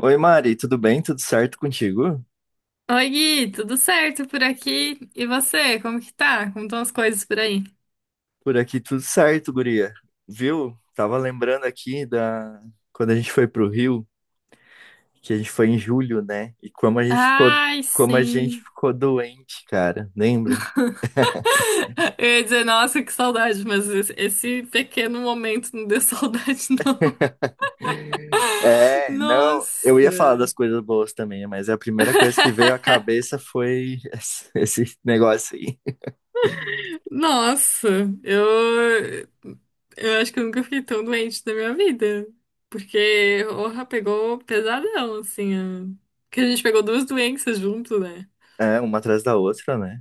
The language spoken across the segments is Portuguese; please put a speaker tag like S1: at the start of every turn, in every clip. S1: Oi, Mari, tudo bem? Tudo certo contigo?
S2: Oi, Gui, tudo certo por aqui? E você, como que tá? Como estão as coisas por aí?
S1: Por aqui tudo certo, guria. Viu? Tava lembrando aqui da quando a gente foi pro Rio, que a gente foi em julho, né? E como a gente ficou
S2: Ai,
S1: como a gente
S2: sim.
S1: ficou doente, cara, lembra?
S2: Eu ia dizer, nossa, que saudade, mas esse pequeno momento não deu saudade, não.
S1: É, não, eu ia falar
S2: Nossa.
S1: das coisas boas também, mas a primeira coisa que veio à cabeça foi esse negócio aí.
S2: Nossa, eu, eu acho que eu nunca fiquei tão doente na minha vida. Porque, orra, pegou pesadão, assim. Porque a gente pegou duas doenças junto, né?
S1: É, uma atrás da outra, né?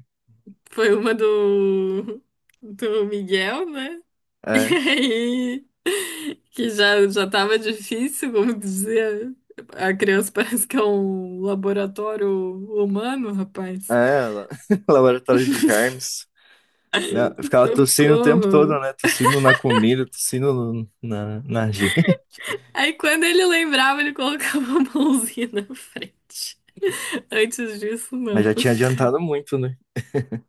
S2: Foi uma do Miguel, né? E
S1: É,
S2: aí, que já tava difícil, como dizer. A criança parece que é um laboratório humano, rapaz.
S1: é, la- laboratório de germes. Né? Eu ficava tossindo o tempo todo,
S2: Socorro.
S1: né? Tossindo na comida, tossindo no- na, na gente.
S2: Aí quando ele lembrava, ele colocava a mãozinha na frente. Antes disso,
S1: Mas
S2: não.
S1: já tinha adiantado muito, né?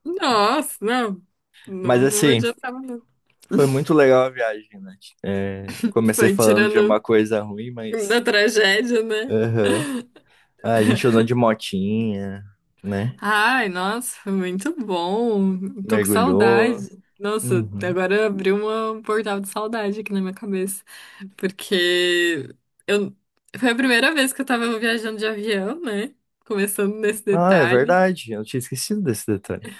S2: Nossa, não. Não,
S1: Mas
S2: não
S1: assim,
S2: adiantava, não.
S1: foi muito legal a viagem, né? É, comecei
S2: Foi
S1: falando de uma
S2: tirando
S1: coisa ruim, mas.
S2: da tragédia, né?
S1: Aham. Ah, a gente andou de motinha, né?
S2: Ai, nossa, muito bom. Tô com
S1: Mergulhou.
S2: saudade. Nossa,
S1: Uhum.
S2: agora abriu um portal de saudade aqui na minha cabeça. Porque eu... foi a primeira vez que eu tava viajando de avião, né? Começando nesse
S1: Ah, é
S2: detalhe.
S1: verdade. Eu tinha esquecido desse detalhe.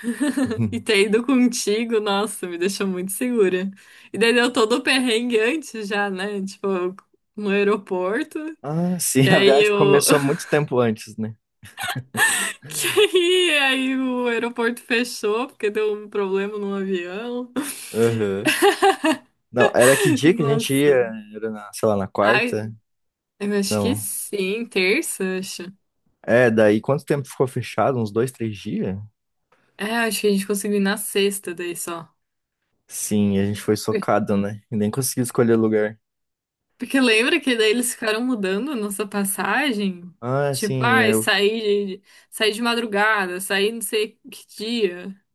S2: E ter ido contigo, nossa, me deixou muito segura. E daí deu todo o perrengue antes já, né? Tipo, no aeroporto.
S1: Ah, sim,
S2: Que
S1: a viagem começou muito tempo antes, né?
S2: que aí o aeroporto fechou porque deu um problema no avião.
S1: Aham. Não, era que dia que a gente ia?
S2: Nossa.
S1: Era na, sei lá, na
S2: Ai,
S1: quarta?
S2: eu acho que
S1: Não.
S2: sim, terça, eu acho.
S1: É, daí quanto tempo ficou fechado? Uns dois, três dias?
S2: É, acho que a gente conseguiu ir na sexta daí só.
S1: Sim, a gente foi socado, né? E nem consegui escolher lugar.
S2: Porque lembra que daí eles ficaram mudando a nossa passagem?
S1: Ah,
S2: Tipo,
S1: sim,
S2: ai,
S1: eu.
S2: saí de madrugada, saí não sei que dia.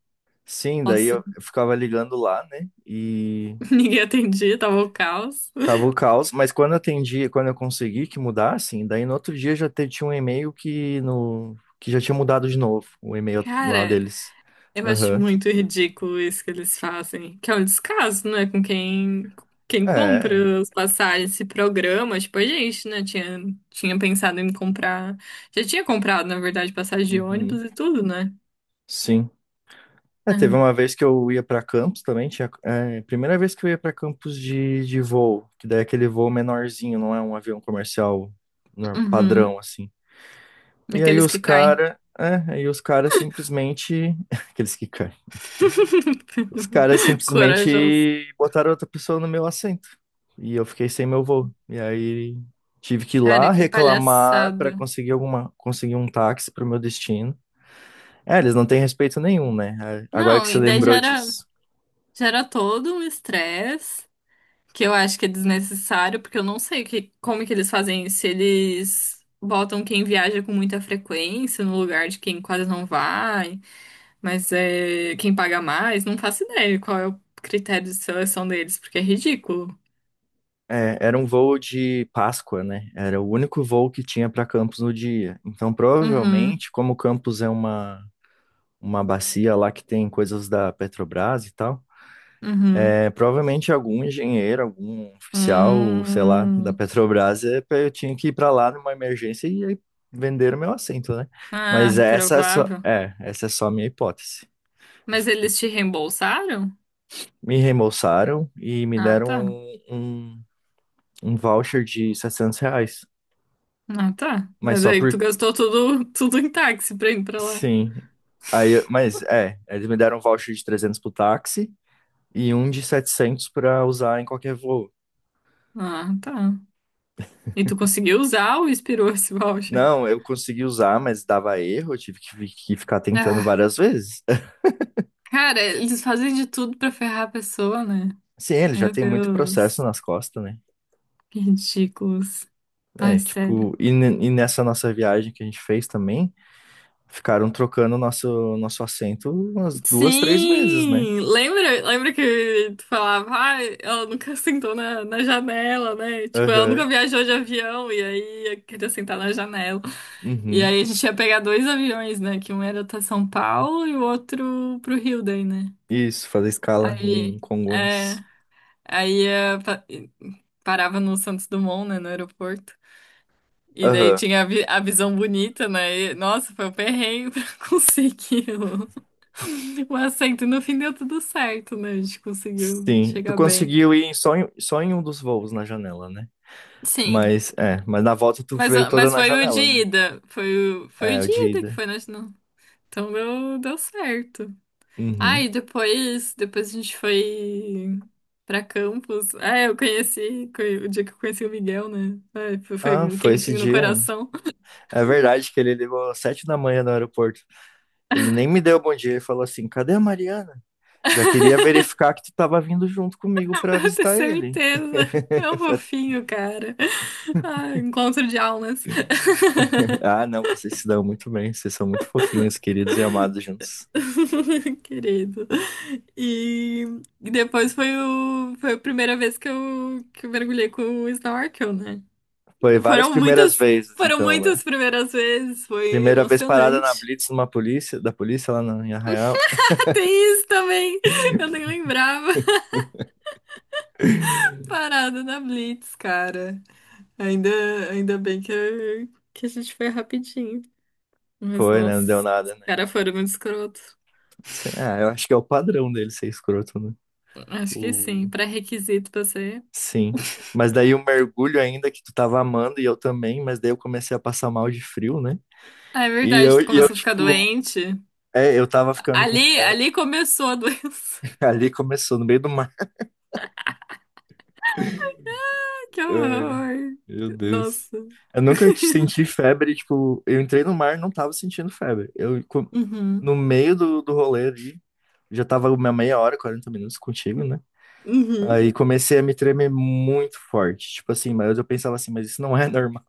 S1: Sim, daí
S2: Nossa,
S1: eu ficava ligando lá, né? E
S2: ninguém atendia, tava o caos.
S1: tava o caos, mas quando eu atendi, quando eu consegui que mudassem, daí no outro dia tinha um e-mail que no que já tinha mudado de novo, o e-mail lá
S2: Cara,
S1: deles.
S2: eu acho
S1: Aham.
S2: muito ridículo isso que eles fazem, que é um descaso, não é com quem
S1: É.
S2: compra as passagens, esse programa, tipo a gente, né, tinha pensado em comprar, já tinha comprado, na verdade, passagem de ônibus
S1: Uhum.
S2: e tudo, né?
S1: Sim. É, teve
S2: É.
S1: uma vez que eu ia para Campos também, tinha, é, primeira vez que eu ia para Campos de voo, que daí é aquele voo menorzinho, não é um avião comercial
S2: Uhum.
S1: padrão, assim. E aí
S2: Aqueles
S1: os
S2: que caem.
S1: cara, é, aí os caras simplesmente, aqueles que caem, os caras
S2: Corajoso.
S1: simplesmente botaram outra pessoa no meu assento, e eu fiquei sem meu voo. E aí tive que ir
S2: Cara,
S1: lá
S2: que
S1: reclamar para
S2: palhaçada.
S1: conseguir alguma, conseguir um táxi para o meu destino. É, eles não têm respeito nenhum, né? É, agora que
S2: Não,
S1: você
S2: e daí
S1: lembrou disso.
S2: já era todo um estresse. Que eu acho que é desnecessário, porque eu não sei que, como que eles fazem isso. Se eles botam quem viaja com muita frequência no lugar de quem quase não vai, mas é quem paga mais, não faço ideia qual é o critério de seleção deles, porque é ridículo.
S1: É, era um voo de Páscoa, né? Era o único voo que tinha para Campos no dia. Então,
S2: Uhum,
S1: provavelmente, como Campos é uma bacia lá que tem coisas da Petrobras e tal,
S2: uhum.
S1: é, provavelmente algum engenheiro, algum oficial, sei lá, da
S2: Hum.
S1: Petrobras, eu tinha que ir para lá numa emergência e aí venderam meu assento, né? Mas
S2: Ah,
S1: essa é só,
S2: provável.
S1: é, essa é só a minha hipótese.
S2: Mas eles te reembolsaram?
S1: Me reembolsaram e me
S2: Ah,
S1: deram
S2: tá.
S1: um voucher de 700 reais.
S2: Ah, tá.
S1: Mas
S2: Mas
S1: só
S2: aí tu
S1: por
S2: gastou tudo, tudo em táxi pra ir pra lá.
S1: Sim. Aí, mas é, eles me deram um voucher de 300 pro táxi e um de 700 para usar em qualquer voo.
S2: Ah, tá. E tu conseguiu usar ou expirou esse voucher?
S1: Não, eu consegui usar, mas dava erro, eu tive que, ficar tentando
S2: Ah,
S1: várias vezes.
S2: cara, eles fazem de tudo pra ferrar a pessoa, né?
S1: Sim, ele já
S2: Meu
S1: tem muito processo
S2: Deus,
S1: nas costas, né?
S2: que ridículos. Ai,
S1: É,
S2: sério.
S1: tipo, e nessa nossa viagem que a gente fez também, ficaram trocando nosso assento umas duas, três vezes, né?
S2: Sim! Lembra que tu falava, ah, ela nunca sentou na, na janela, né? Tipo, ela nunca
S1: Aham.
S2: viajou de avião e aí queria sentar na janela. E
S1: Uhum.
S2: aí a gente ia pegar dois aviões, né? Que um era até São Paulo e o outro pro Rio daí, né?
S1: Isso, fazer escala em
S2: Aí, é,
S1: Congonhas.
S2: aí ia, parava no Santos Dumont, né, no aeroporto. E daí
S1: Aham.
S2: tinha a, a visão bonita, né? E, nossa, foi um perrengue pra conseguir o assento. E no fim deu tudo certo, né? A gente conseguiu
S1: Sim, tu
S2: chegar bem.
S1: conseguiu ir só em um dos voos na janela, né?
S2: Sim.
S1: Mas é, mas na volta tu
S2: Mas,
S1: veio toda
S2: mas
S1: na
S2: foi o de
S1: janela, né?
S2: ida. Foi foi o
S1: É, o
S2: de
S1: de
S2: ida que
S1: ida.
S2: foi, né? Não. Então deu, deu certo. Ah, e
S1: Uhum.
S2: depois a gente foi pra Campos. Ah, eu conheci o dia que eu conheci o Miguel, né? Ah, foi
S1: Ah,
S2: um
S1: foi esse
S2: quentinho no
S1: dia.
S2: coração.
S1: É verdade que ele ligou às 7 da manhã no aeroporto. Ele nem me deu bom dia, ele falou assim: cadê a Mariana? Já queria verificar que tu tava vindo junto comigo pra
S2: Eu tenho
S1: visitar ele.
S2: certeza. É um
S1: Eu falei,
S2: fofinho, cara. Ah, encontro de almas.
S1: ah, não, vocês se dão muito bem, vocês são muito fofinhos, queridos e amados juntos.
S2: Querido. E foi a primeira vez que eu mergulhei com o snorkel, né?
S1: Foi várias
S2: Foram
S1: primeiras
S2: muitas,
S1: vezes,
S2: foram
S1: então, né?
S2: muitas primeiras vezes. Foi
S1: Primeira vez parada na
S2: emocionante.
S1: Blitz numa polícia, da polícia em Arraial.
S2: Ah, tem isso também. Eu nem lembrava. Parada na Blitz, cara. Ainda, ainda bem que a gente foi rapidinho. Mas,
S1: Foi, né? Não deu
S2: nossa, os
S1: nada, né?
S2: caras foram muito escroto.
S1: Sei- Ah, eu acho que é o padrão dele ser escroto, né?
S2: Acho que sim,
S1: O...
S2: pré-requisito pra ser.
S1: Sim. Mas daí o mergulho ainda, que tu tava amando e eu também, mas daí eu comecei a passar mal de frio, né?
S2: Ah, é
S1: E
S2: verdade,
S1: eu,
S2: tu
S1: e eu
S2: começou a ficar
S1: tipo,
S2: doente.
S1: é, eu tava ficando com
S2: Ali,
S1: febre.
S2: ali começou a doença.
S1: Ali começou, no meio do
S2: Que
S1: Ai,
S2: horror.
S1: meu Deus.
S2: Nossa.
S1: Eu nunca te senti febre, tipo, eu entrei no mar e não tava sentindo febre.
S2: Uhum.
S1: No meio do, do rolê ali, já tava uma 1/2 hora, 40 minutos contigo, né?
S2: Uhum.
S1: Aí comecei a me tremer muito forte. Tipo assim, mas eu pensava assim, mas isso não é normal.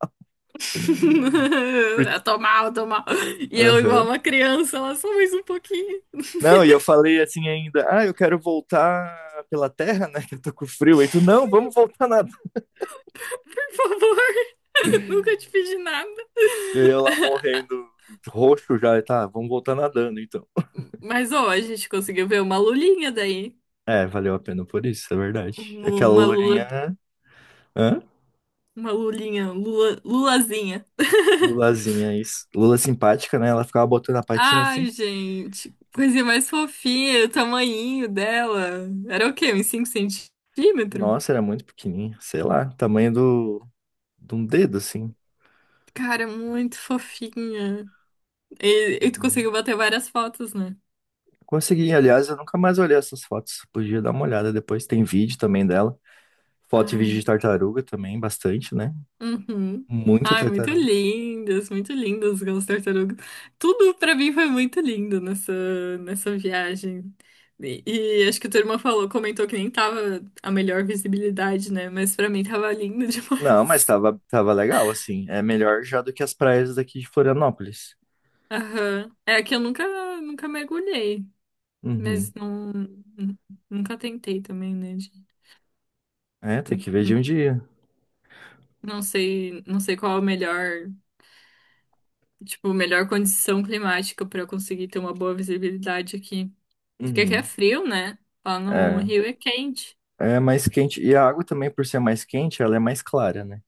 S1: Porque-
S2: Eu tô mal, eu tô mal. E eu, igual
S1: Aham.
S2: uma criança, ela só mais um pouquinho.
S1: Não, e eu falei assim ainda, ah, eu quero voltar pela terra, né? Que eu tô com frio. Aí tu, não, vamos voltar nadando.
S2: Por favor, nunca te pedi nada.
S1: E eu lá morrendo, roxo já, e tá, vamos voltar nadando, então.
S2: Mas, ó, a gente conseguiu ver uma lulinha daí.
S1: É, valeu a pena por isso, é verdade. Aquela
S2: Uma lula,
S1: lulinha, hã?
S2: uma lulinha, lula, lulazinha.
S1: Lulazinha, isso. Lula simpática, né? Ela ficava botando a patinha assim.
S2: Ai, gente, coisinha mais fofinha, o tamanhinho dela. Era o quê? Uns 5 cm?
S1: Nossa, era muito pequenininha, sei lá, tamanho do, de um dedo, assim.
S2: Cara, é muito fofinha. E tu
S1: Uhum.
S2: conseguiu bater várias fotos, né?
S1: Consegui, aliás, eu nunca mais olhei essas fotos. Podia dar uma olhada depois. Tem vídeo também dela. Foto e vídeo
S2: Ai,
S1: de tartaruga também, bastante, né?
S2: uhum.
S1: Muita
S2: Ai,
S1: tartaruga.
S2: muito lindas aquelas tartarugas. Tudo pra mim foi muito lindo nessa, nessa viagem. E acho que a tua irmã falou, comentou que nem tava a melhor visibilidade, né? Mas pra mim tava lindo
S1: Não, mas
S2: demais.
S1: tava, tava legal, assim. É melhor já do que as praias daqui de Florianópolis.
S2: Aham. É que eu nunca, nunca mergulhei,
S1: Uhum.
S2: mas não, nunca tentei também, né?
S1: É, tem que ver de
S2: Hum,
S1: um dia.
S2: não sei, não sei qual a melhor, tipo, melhor condição climática para eu conseguir ter uma boa visibilidade aqui. Porque aqui é
S1: Uhum.
S2: frio, né? Lá no
S1: É.
S2: Rio é quente.
S1: É mais quente. E a água também, por ser mais quente, ela é mais clara, né?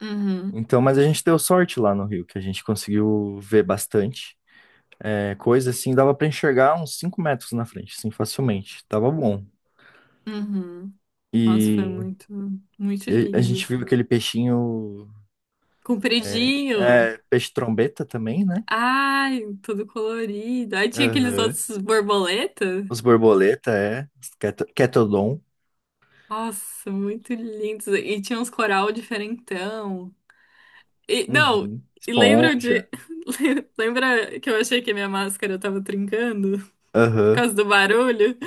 S2: Uhum,
S1: Então, mas a gente deu sorte lá no Rio, que a gente conseguiu ver bastante. É, coisa assim, dava pra enxergar uns 5 metros na frente, assim, facilmente. Tava bom.
S2: uhum. Nossa, foi
S1: E,
S2: muito, muito
S1: e a gente
S2: lindo.
S1: viu aquele peixinho.
S2: Compridinho.
S1: Peixe trombeta também, né?
S2: Ai, todo colorido. Aí tinha aqueles
S1: Aham.
S2: outros borboletas.
S1: Os borboleta, é. Cat- Catodon.
S2: Nossa, muito lindos. E tinha uns coral diferentão. E, não,
S1: Uhum.
S2: e lembra de.
S1: Esponja.
S2: Lembra que eu achei que a minha máscara tava trincando por
S1: Aham.
S2: causa do barulho?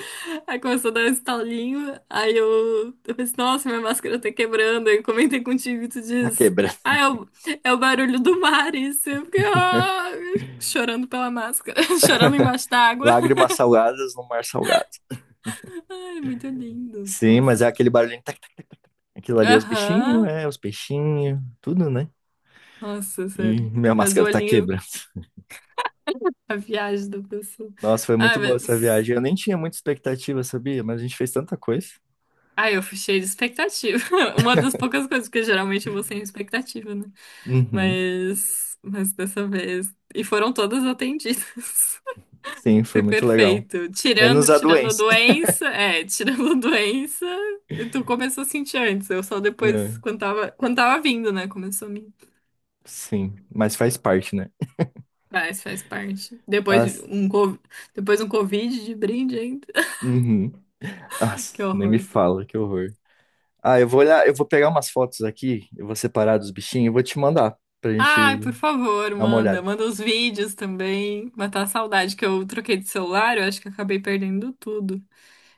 S2: Aí começou a dar um estalinho. Aí eu pensei, nossa, minha máscara tá quebrando. Aí eu comentei contigo e tu
S1: A
S2: diz.
S1: quebra.
S2: Ah, é é o barulho do mar, isso. Eu fiquei, ah, chorando pela máscara, chorando embaixo d'água.
S1: Lágrimas salgadas no mar salgado.
S2: Ai, muito lindo,
S1: Sim, mas é
S2: nossa.
S1: aquele barulhinho. Aquilo ali é os bichinhos,
S2: Aham.
S1: é, os peixinhos, tudo, né?
S2: Nossa,
S1: E
S2: sério.
S1: minha
S2: Mas o
S1: máscara tá
S2: olhinho
S1: quebrando.
S2: a viagem da pessoa.
S1: Nossa, foi
S2: Ah
S1: muito boa essa
S2: mas.
S1: viagem. Eu nem tinha muita expectativa, sabia? Mas a gente fez tanta coisa.
S2: Ah eu fui fechei de expectativa. Uma das poucas coisas, porque geralmente eu vou sem expectativa, né?
S1: Uhum.
S2: Mas. Mas dessa vez. E foram todas atendidas.
S1: Sim, foi
S2: Foi
S1: muito legal.
S2: perfeito. Tirando,
S1: Menos a
S2: tirando a
S1: doença.
S2: doença. É, tirando a doença. E tu começou a sentir antes. Eu só
S1: É,
S2: depois, quando tava vindo, né? Começou a mim.
S1: sim, mas faz parte, né?
S2: Faz, faz parte. Depois
S1: As...
S2: um, co- depois um Covid de brinde ainda.
S1: Uhum.
S2: Que
S1: As... Nem me
S2: horror.
S1: fala, que horror. Ah, eu vou olhar, eu vou pegar umas fotos aqui, eu vou separar dos bichinhos e vou te mandar pra
S2: Ai,
S1: gente
S2: por favor,
S1: dar uma
S2: manda.
S1: olhada.
S2: Manda os vídeos também. Matar a saudade que eu troquei de celular, eu acho que acabei perdendo tudo.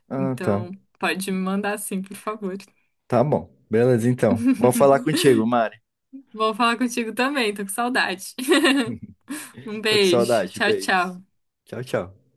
S1: Ah, tá.
S2: Então, pode me mandar sim, por favor.
S1: Tá bom. Beleza, então. Vou falar contigo, Mari.
S2: Vou falar contigo também, tô com saudade. Um
S1: Tô com
S2: beijo.
S1: saudade.
S2: Tchau,
S1: Beijos.
S2: tchau.
S1: Tchau, tchau.